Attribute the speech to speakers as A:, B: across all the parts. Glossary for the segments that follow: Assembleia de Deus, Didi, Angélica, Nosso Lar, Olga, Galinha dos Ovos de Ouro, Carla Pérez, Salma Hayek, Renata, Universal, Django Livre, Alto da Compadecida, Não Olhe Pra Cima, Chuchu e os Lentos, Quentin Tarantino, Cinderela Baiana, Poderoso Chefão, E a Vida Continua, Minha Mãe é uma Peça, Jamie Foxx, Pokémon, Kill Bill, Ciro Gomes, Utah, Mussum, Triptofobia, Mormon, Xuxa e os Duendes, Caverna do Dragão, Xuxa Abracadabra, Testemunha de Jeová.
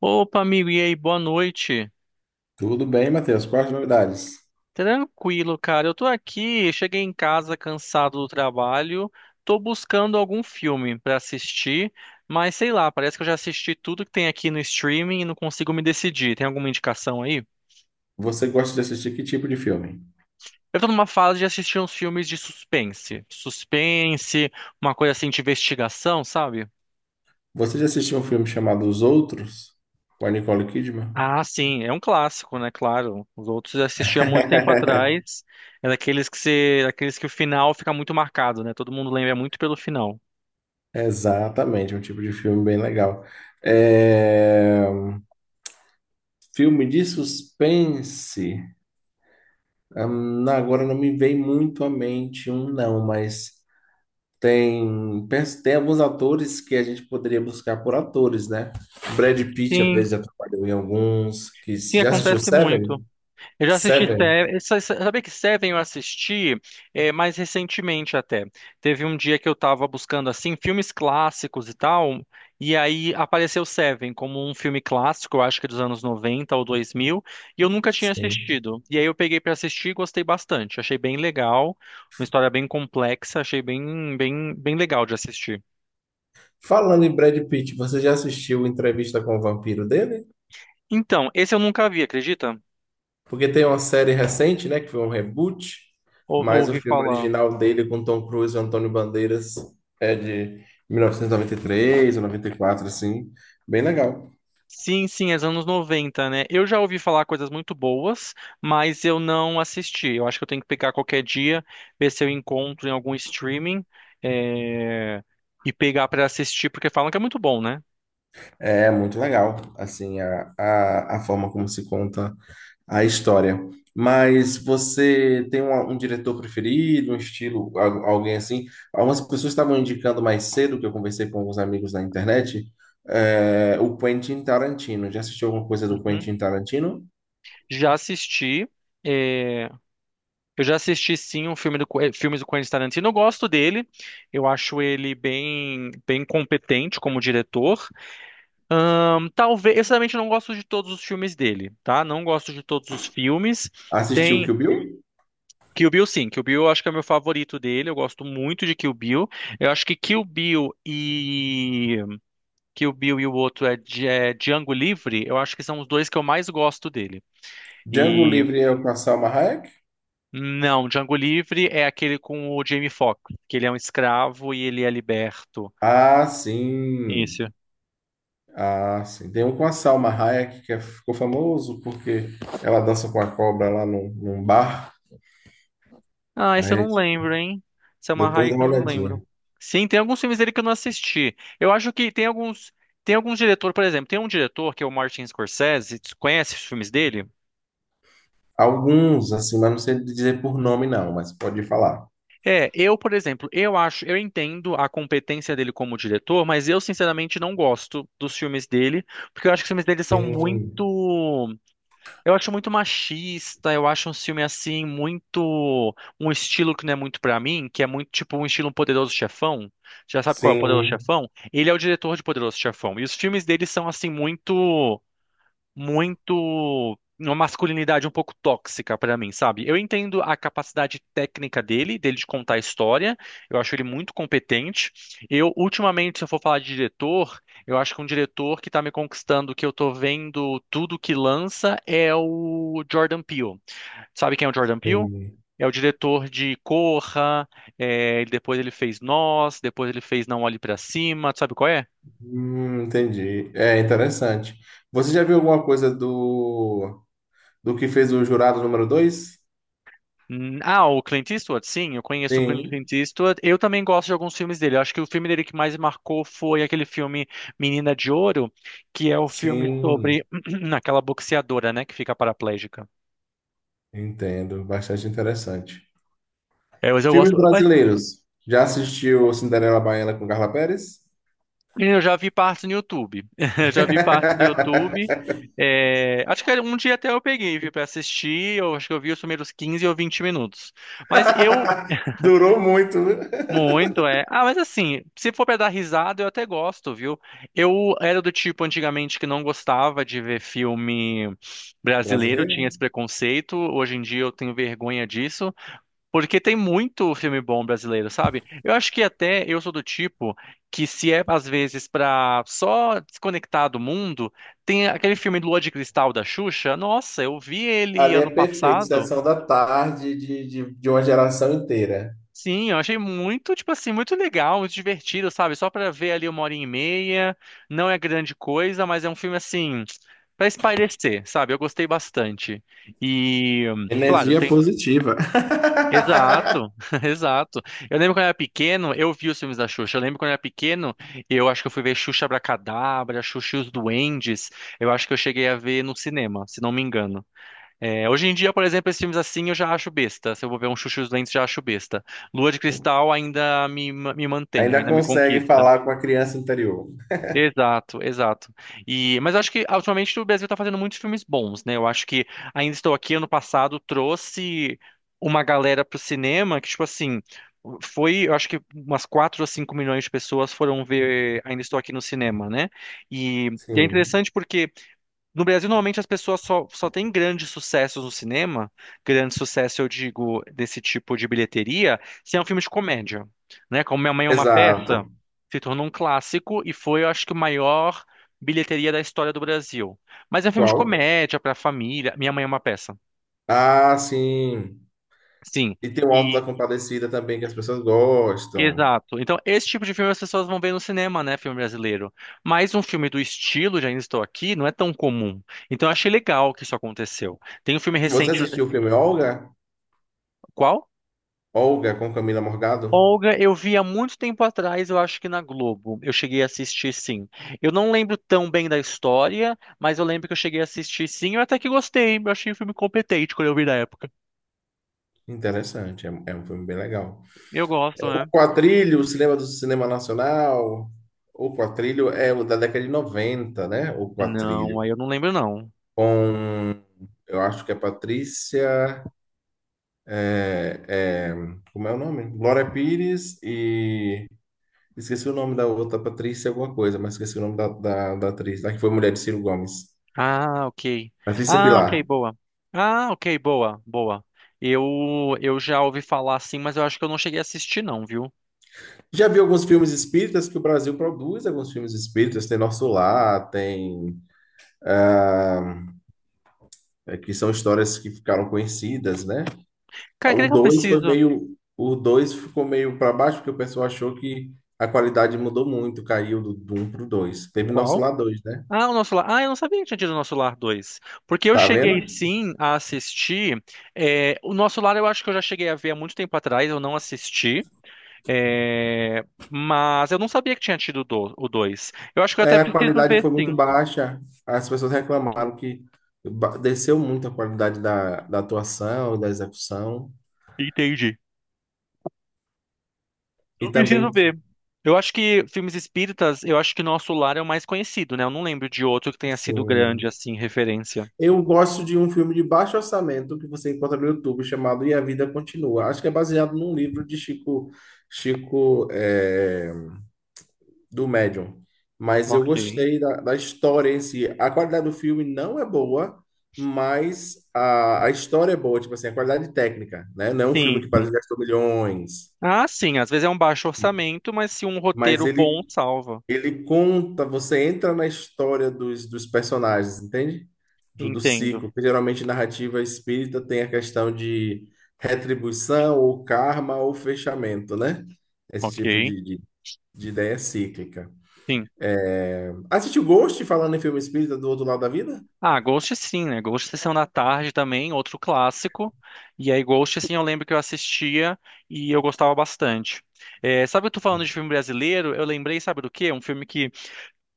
A: Opa, amigo, e aí, boa noite.
B: Tudo bem, Matheus? Quais as novidades?
A: Tranquilo, cara. Eu tô aqui, cheguei em casa cansado do trabalho, tô buscando algum filme pra assistir, mas sei lá, parece que eu já assisti tudo que tem aqui no streaming e não consigo me decidir. Tem alguma indicação aí?
B: Você gosta de assistir que tipo de filme?
A: Eu tô numa fase de assistir uns filmes de suspense. Suspense, uma coisa assim de investigação, sabe?
B: Você já assistiu um filme chamado Os Outros? Com a Nicole Kidman?
A: Ah, sim, é um clássico, né? Claro. Os outros eu assisti há muito tempo atrás. É daqueles que o final fica muito marcado, né? Todo mundo lembra muito pelo final.
B: Exatamente, um tipo de filme bem legal. É, filme de suspense. Não, agora não me vem muito à mente um, não, mas tem, tem alguns atores que a gente poderia buscar por atores, né? Brad Pitt, às
A: Sim,
B: vezes, já trabalhou em alguns. Que,
A: sim,
B: já assistiu
A: acontece muito.
B: Seven?
A: Eu já assisti
B: Seven?
A: Seven. Sabia que Seven eu assisti mais recentemente até. Teve um dia que eu tava buscando assim filmes clássicos e tal, e aí apareceu Seven como um filme clássico, eu acho que dos anos 90 ou 2000, e eu nunca tinha
B: Sim.
A: assistido. E aí eu peguei pra assistir e gostei bastante. Achei bem legal, uma história bem complexa, achei bem bem bem legal de assistir.
B: Falando em Brad Pitt, você já assistiu A Entrevista com o Vampiro dele?
A: Então, esse eu nunca vi, acredita?
B: Porque tem uma série recente, né, que foi um reboot, mas o
A: Ouvi
B: filme
A: falar.
B: original dele com Tom Cruise e Antônio Bandeiras é de 1993 ou 94, assim, bem legal.
A: Sim, sim, é dos anos 90, né? Eu já ouvi falar coisas muito boas, mas eu não assisti. Eu acho que eu tenho que pegar qualquer dia, ver se eu encontro em algum streaming, é, e pegar pra assistir, porque falam que é muito bom, né?
B: É muito legal, assim, a forma como se conta a história. Mas você tem um, um diretor preferido, um estilo, alguém assim? Algumas pessoas estavam indicando mais cedo, que eu conversei com alguns amigos na internet, é, o Quentin Tarantino. Já assistiu alguma coisa do
A: Uhum.
B: Quentin Tarantino?
A: Já assisti. é, Eu já assisti sim um filme filmes do Quentin Tarantino. Eu gosto dele. Eu acho ele bem bem competente como diretor. Talvez, eu sinceramente não gosto de todos os filmes dele, tá? Não gosto de todos os filmes.
B: Assistiu
A: Tem
B: Kill Bill?
A: Kill Bill, sim. Kill Bill eu acho que é o meu favorito dele. Eu gosto muito de Kill Bill. Eu acho que Kill Bill e. Kill Bill e o outro é Django Livre. Eu acho que são os dois que eu mais gosto dele.
B: Django
A: E.
B: Livre é com a Salma Hayek?
A: Não, Django Livre é aquele com o Jamie Foxx, que ele é um escravo e ele é liberto.
B: Ah, sim.
A: Isso.
B: Ah, sim. Tem um com a Salma Hayek ficou famoso porque ela dança com a cobra lá num, num bar.
A: Ah, esse eu
B: Aí
A: não lembro, hein? Esse é uma
B: depois
A: raia
B: dá
A: que
B: uma
A: eu não lembro.
B: olhadinha.
A: Sim, tem alguns filmes dele que eu não assisti. Eu acho que tem alguns. Tem alguns diretores, por exemplo, tem um diretor que é o Martin Scorsese. Tu conhece os filmes dele?
B: Alguns, assim, mas não sei dizer por nome, não, mas pode falar.
A: É, eu, por exemplo, eu acho, eu entendo a competência dele como diretor, mas eu sinceramente não gosto dos filmes dele, porque eu acho que os filmes dele são
B: Sim,
A: muito, eu acho muito machista, eu acho um filme assim muito um estilo que não é muito pra mim, que é muito tipo um estilo um Poderoso Chefão. Já sabe qual é o Poderoso
B: sim,
A: Chefão? Ele é o diretor de Poderoso Chefão. E os filmes dele são assim muito muito uma masculinidade um pouco tóxica pra mim, sabe? Eu entendo a capacidade técnica dele de contar a história. Eu acho ele muito competente. Eu ultimamente, se eu for falar de diretor, eu acho que um diretor que tá me conquistando, que eu tô vendo tudo que lança é o Jordan Peele. Sabe quem é o Jordan Peele?
B: entendi.
A: É o diretor de Corra, depois ele fez Nós, depois ele fez Não Olhe Pra Cima, tu sabe qual é?
B: Entendi. É interessante. Você já viu alguma coisa do, do que fez o jurado número dois?
A: Ah, o Clint Eastwood, sim, eu conheço o
B: Sim,
A: Clint Eastwood. Eu também gosto de alguns filmes dele. Eu acho que o filme dele que mais marcou foi aquele filme Menina de Ouro, que é o filme
B: sim,
A: sobre aquela boxeadora, né, que fica paraplégica.
B: entendo. Bastante interessante.
A: É, mas eu
B: Filmes
A: gosto, mas
B: brasileiros. Já assistiu Cinderela Baiana com Carla Pérez?
A: eu já vi partes no YouTube. Eu já vi partes no YouTube. É, acho que um dia até eu peguei, vi, pra assistir. Eu acho que eu vi os primeiros 15 ou 20 minutos. Mas eu
B: Durou muito, viu?
A: muito, é. Ah, mas assim, se for pra dar risada, eu até gosto, viu? Eu era do tipo antigamente que não gostava de ver filme brasileiro, tinha
B: Brasileiro?
A: esse preconceito. Hoje em dia eu tenho vergonha disso, porque tem muito filme bom brasileiro, sabe? Eu acho que até eu sou do tipo que se é às vezes pra só desconectar do mundo, tem aquele filme Lua de Cristal da Xuxa. Nossa, eu vi ele
B: Ali é
A: ano
B: perfeito,
A: passado.
B: sessão da tarde de uma geração inteira.
A: Sim, eu achei muito, tipo assim, muito legal, muito divertido, sabe? Só pra ver ali uma hora e meia. Não é grande coisa, mas é um filme assim pra espairecer, sabe? Eu gostei bastante. E, claro,
B: Energia
A: tem.
B: positiva.
A: Exato, exato. Eu lembro quando eu era pequeno, eu vi os filmes da Xuxa. Eu lembro quando eu era pequeno, eu acho que eu fui ver Xuxa Abracadabra, Xuxa e os Duendes. Eu acho que eu cheguei a ver no cinema, se não me engano. É, hoje em dia, por exemplo, esses filmes assim eu já acho besta. Se eu vou ver um Chuchu e os Lentos, já acho besta. Lua de Cristal ainda me mantém,
B: Ainda
A: ainda me
B: consegue
A: conquista.
B: falar com a criança interior.
A: Exato, exato. E, mas eu acho que ultimamente o Brasil está fazendo muitos filmes bons, né? Eu acho que Ainda Estou Aqui, ano passado, trouxe uma galera pro cinema que, tipo assim, foi, eu acho que umas 4 ou 5 milhões de pessoas foram ver Ainda Estou Aqui no cinema, né? E, é
B: Sim.
A: interessante porque no Brasil, normalmente as pessoas só têm grandes sucessos no cinema, grande sucesso, eu digo, desse tipo de bilheteria, se é um filme de comédia, né? Como Minha Mãe é uma
B: Exato.
A: Peça, se tornou um clássico e foi, eu acho que, o maior bilheteria da história do Brasil. Mas é um filme de
B: Qual?
A: comédia para família. Minha Mãe é uma Peça.
B: Ah, sim.
A: Sim,
B: E tem o Alto
A: e
B: da Compadecida também, que as pessoas gostam.
A: exato. Então, esse tipo de filme as pessoas vão ver no cinema, né, filme brasileiro. Mas um filme do estilo, já Ainda Estou Aqui, não é tão comum. Então, eu achei legal que isso aconteceu. Tem um filme
B: Você
A: recente,
B: assistiu o filme Olga?
A: qual?
B: Olga com Camila Morgado?
A: Olga, eu vi há muito tempo atrás, eu acho que na Globo. Eu cheguei a assistir, sim. Eu não lembro tão bem da história, mas eu lembro que eu cheguei a assistir, sim. Eu até que gostei. Eu achei o filme competente quando eu vi na época.
B: Interessante, é, é um filme bem legal.
A: Eu gosto, né?
B: O Quatrilho, o cinema do cinema nacional? O Quatrilho é o da década de 90, né? O
A: Não,
B: Quatrilho.
A: aí eu não lembro, não.
B: Com, eu acho que é Patrícia. É, é, como é o nome? Glória Pires e. Esqueci o nome da outra Patrícia, alguma coisa, mas esqueci o nome da, da, da atriz, lá que foi mulher de Ciro Gomes.
A: Ah, ok.
B: Patrícia
A: Ah,
B: Pilar.
A: ok, boa. Ah, ok, boa, boa. Eu já ouvi falar, sim, mas eu acho que eu não cheguei a assistir, não, viu?
B: Já vi alguns filmes espíritas que o Brasil produz, alguns filmes espíritas, tem Nosso Lar, tem. É, que são histórias que ficaram conhecidas, né?
A: Cara, o que
B: O
A: eu
B: 2 foi
A: preciso?
B: meio. O 2 ficou meio para baixo, porque o pessoal achou que a qualidade mudou muito, caiu do, do 1 para o 2. Teve Nosso
A: Qual?
B: lá dois, né?
A: Ah, o Nosso Lar. Ah, eu não sabia que tinha tido o Nosso Lar 2. Porque eu
B: Tá vendo?
A: cheguei sim a assistir. O Nosso Lar eu acho que eu já cheguei a ver há muito tempo atrás, eu não assisti. é, Mas eu não sabia que tinha tido o o 2. Eu acho que eu até
B: É, a
A: preciso
B: qualidade
A: ver
B: foi
A: sim.
B: muito baixa. As pessoas reclamaram que desceu muito a qualidade da, da atuação, da execução.
A: Entendi.
B: E
A: Eu preciso
B: também,
A: ver. Eu acho que filmes espíritas, eu acho que Nosso Lar é o mais conhecido, né? Eu não lembro de outro que tenha sido grande
B: sim.
A: assim, referência.
B: Eu gosto de um filme de baixo orçamento que você encontra no YouTube chamado E a Vida Continua. Acho que é baseado num livro de Chico. Chico. É, do Medium. Mas eu
A: Ok.
B: gostei da, da história em si. A qualidade do filme não é boa, mas a história é boa, tipo assim, a qualidade técnica, né? Não é um
A: Sim,
B: filme que
A: sim.
B: parece que gastou milhões,
A: Ah, sim, às vezes é um baixo orçamento, mas se um
B: mas
A: roteiro bom
B: ele,
A: salva.
B: ele conta, você entra na história dos, dos personagens, entende? Do, do
A: Entendo.
B: ciclo, porque geralmente narrativa espírita tem a questão de retribuição, ou karma, ou fechamento, né? Esse tipo
A: Ok,
B: de ideia cíclica.
A: sim.
B: Assistiu Ghost, falando em filme espírita do outro lado da vida?
A: Ah, Ghost sim, né? Ghost Sessão da Tarde também, outro clássico. E aí, Ghost, sim, eu lembro que eu assistia e eu gostava bastante. É, sabe, eu tô falando de filme brasileiro, eu lembrei, sabe do quê? Um filme que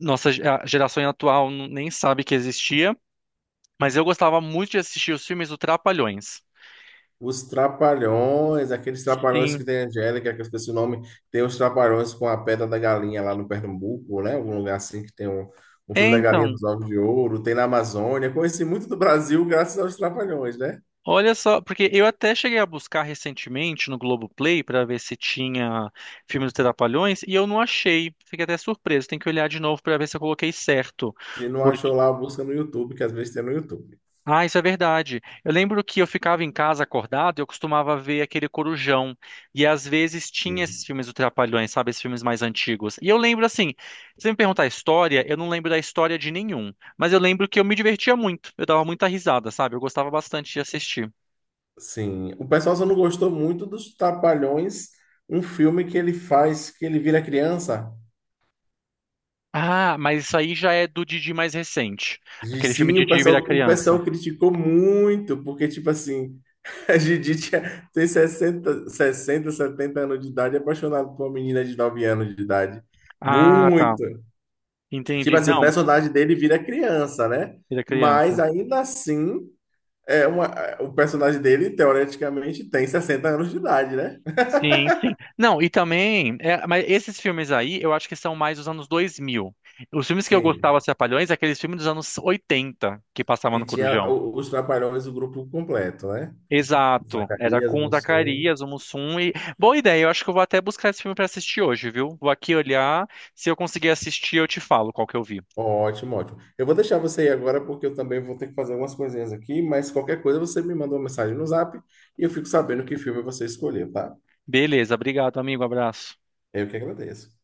A: nossa a geração atual nem sabe que existia, mas eu gostava muito de assistir os filmes do Trapalhões.
B: Os Trapalhões, aqueles Trapalhões
A: Sim.
B: que tem a Angélica, que eu esqueci o nome, tem os Trapalhões com a Pedra da Galinha lá no Pernambuco, né? Algum lugar assim que tem um, um filme
A: É,
B: da Galinha
A: então.
B: dos Ovos de Ouro, tem na Amazônia. Conheci muito do Brasil graças aos Trapalhões, né?
A: Olha só, porque eu até cheguei a buscar recentemente no Globoplay para ver se tinha filme dos Trapalhões e eu não achei. Fiquei até surpreso. Tem que olhar de novo para ver se eu coloquei certo.
B: Se não
A: Porque...
B: achou lá, busca no YouTube, que às vezes tem no YouTube.
A: Ah, isso é verdade. Eu lembro que eu ficava em casa acordado e eu costumava ver aquele Corujão. E às vezes tinha esses
B: Sim.
A: filmes dos Trapalhões, sabe? Esses filmes mais antigos. E eu lembro assim, se você me perguntar a história, eu não lembro da história de nenhum. Mas eu lembro que eu me divertia muito. Eu dava muita risada, sabe? Eu gostava bastante de assistir.
B: Sim. O pessoal só não gostou muito dos Trapalhões, um filme que ele faz, que ele vira criança.
A: Ah, mas isso aí já é do Didi mais recente.
B: E
A: Aquele filme
B: sim,
A: Didi vira
B: o
A: criança.
B: pessoal criticou muito, porque, tipo assim, a Didi tinha, tem 60 60 70 anos de idade, apaixonado por uma menina de 9 anos de idade.
A: Ah, tá.
B: Muito. Tipo
A: Entendi.
B: assim, o
A: Não,
B: personagem dele vira criança, né?
A: vira
B: Mas
A: criança.
B: ainda assim, é uma, é, o personagem dele, teoreticamente, tem 60 anos de idade, né?
A: Sim, sim. Não, e também, é, mas esses filmes aí, eu acho que são mais dos anos 2000. Os filmes que eu gostava,
B: Sim.
A: Trapalhões, é aqueles filmes dos anos 80 que passavam
B: E
A: no
B: tinha
A: Corujão.
B: os Trapalhões, o grupo completo, né?
A: Exato, era
B: Zacarias,
A: com o
B: Mussum.
A: Zacarias, o Mussum e... Boa ideia, eu acho que eu vou até buscar esse filme pra assistir hoje, viu? Vou aqui olhar, se eu conseguir assistir, eu te falo qual que eu vi.
B: Ótimo, ótimo. Eu vou deixar você ir agora porque eu também vou ter que fazer algumas coisinhas aqui, mas qualquer coisa você me manda uma mensagem no Zap e eu fico sabendo que filme você escolheu, tá?
A: Beleza, obrigado, amigo, abraço.
B: Eu que agradeço.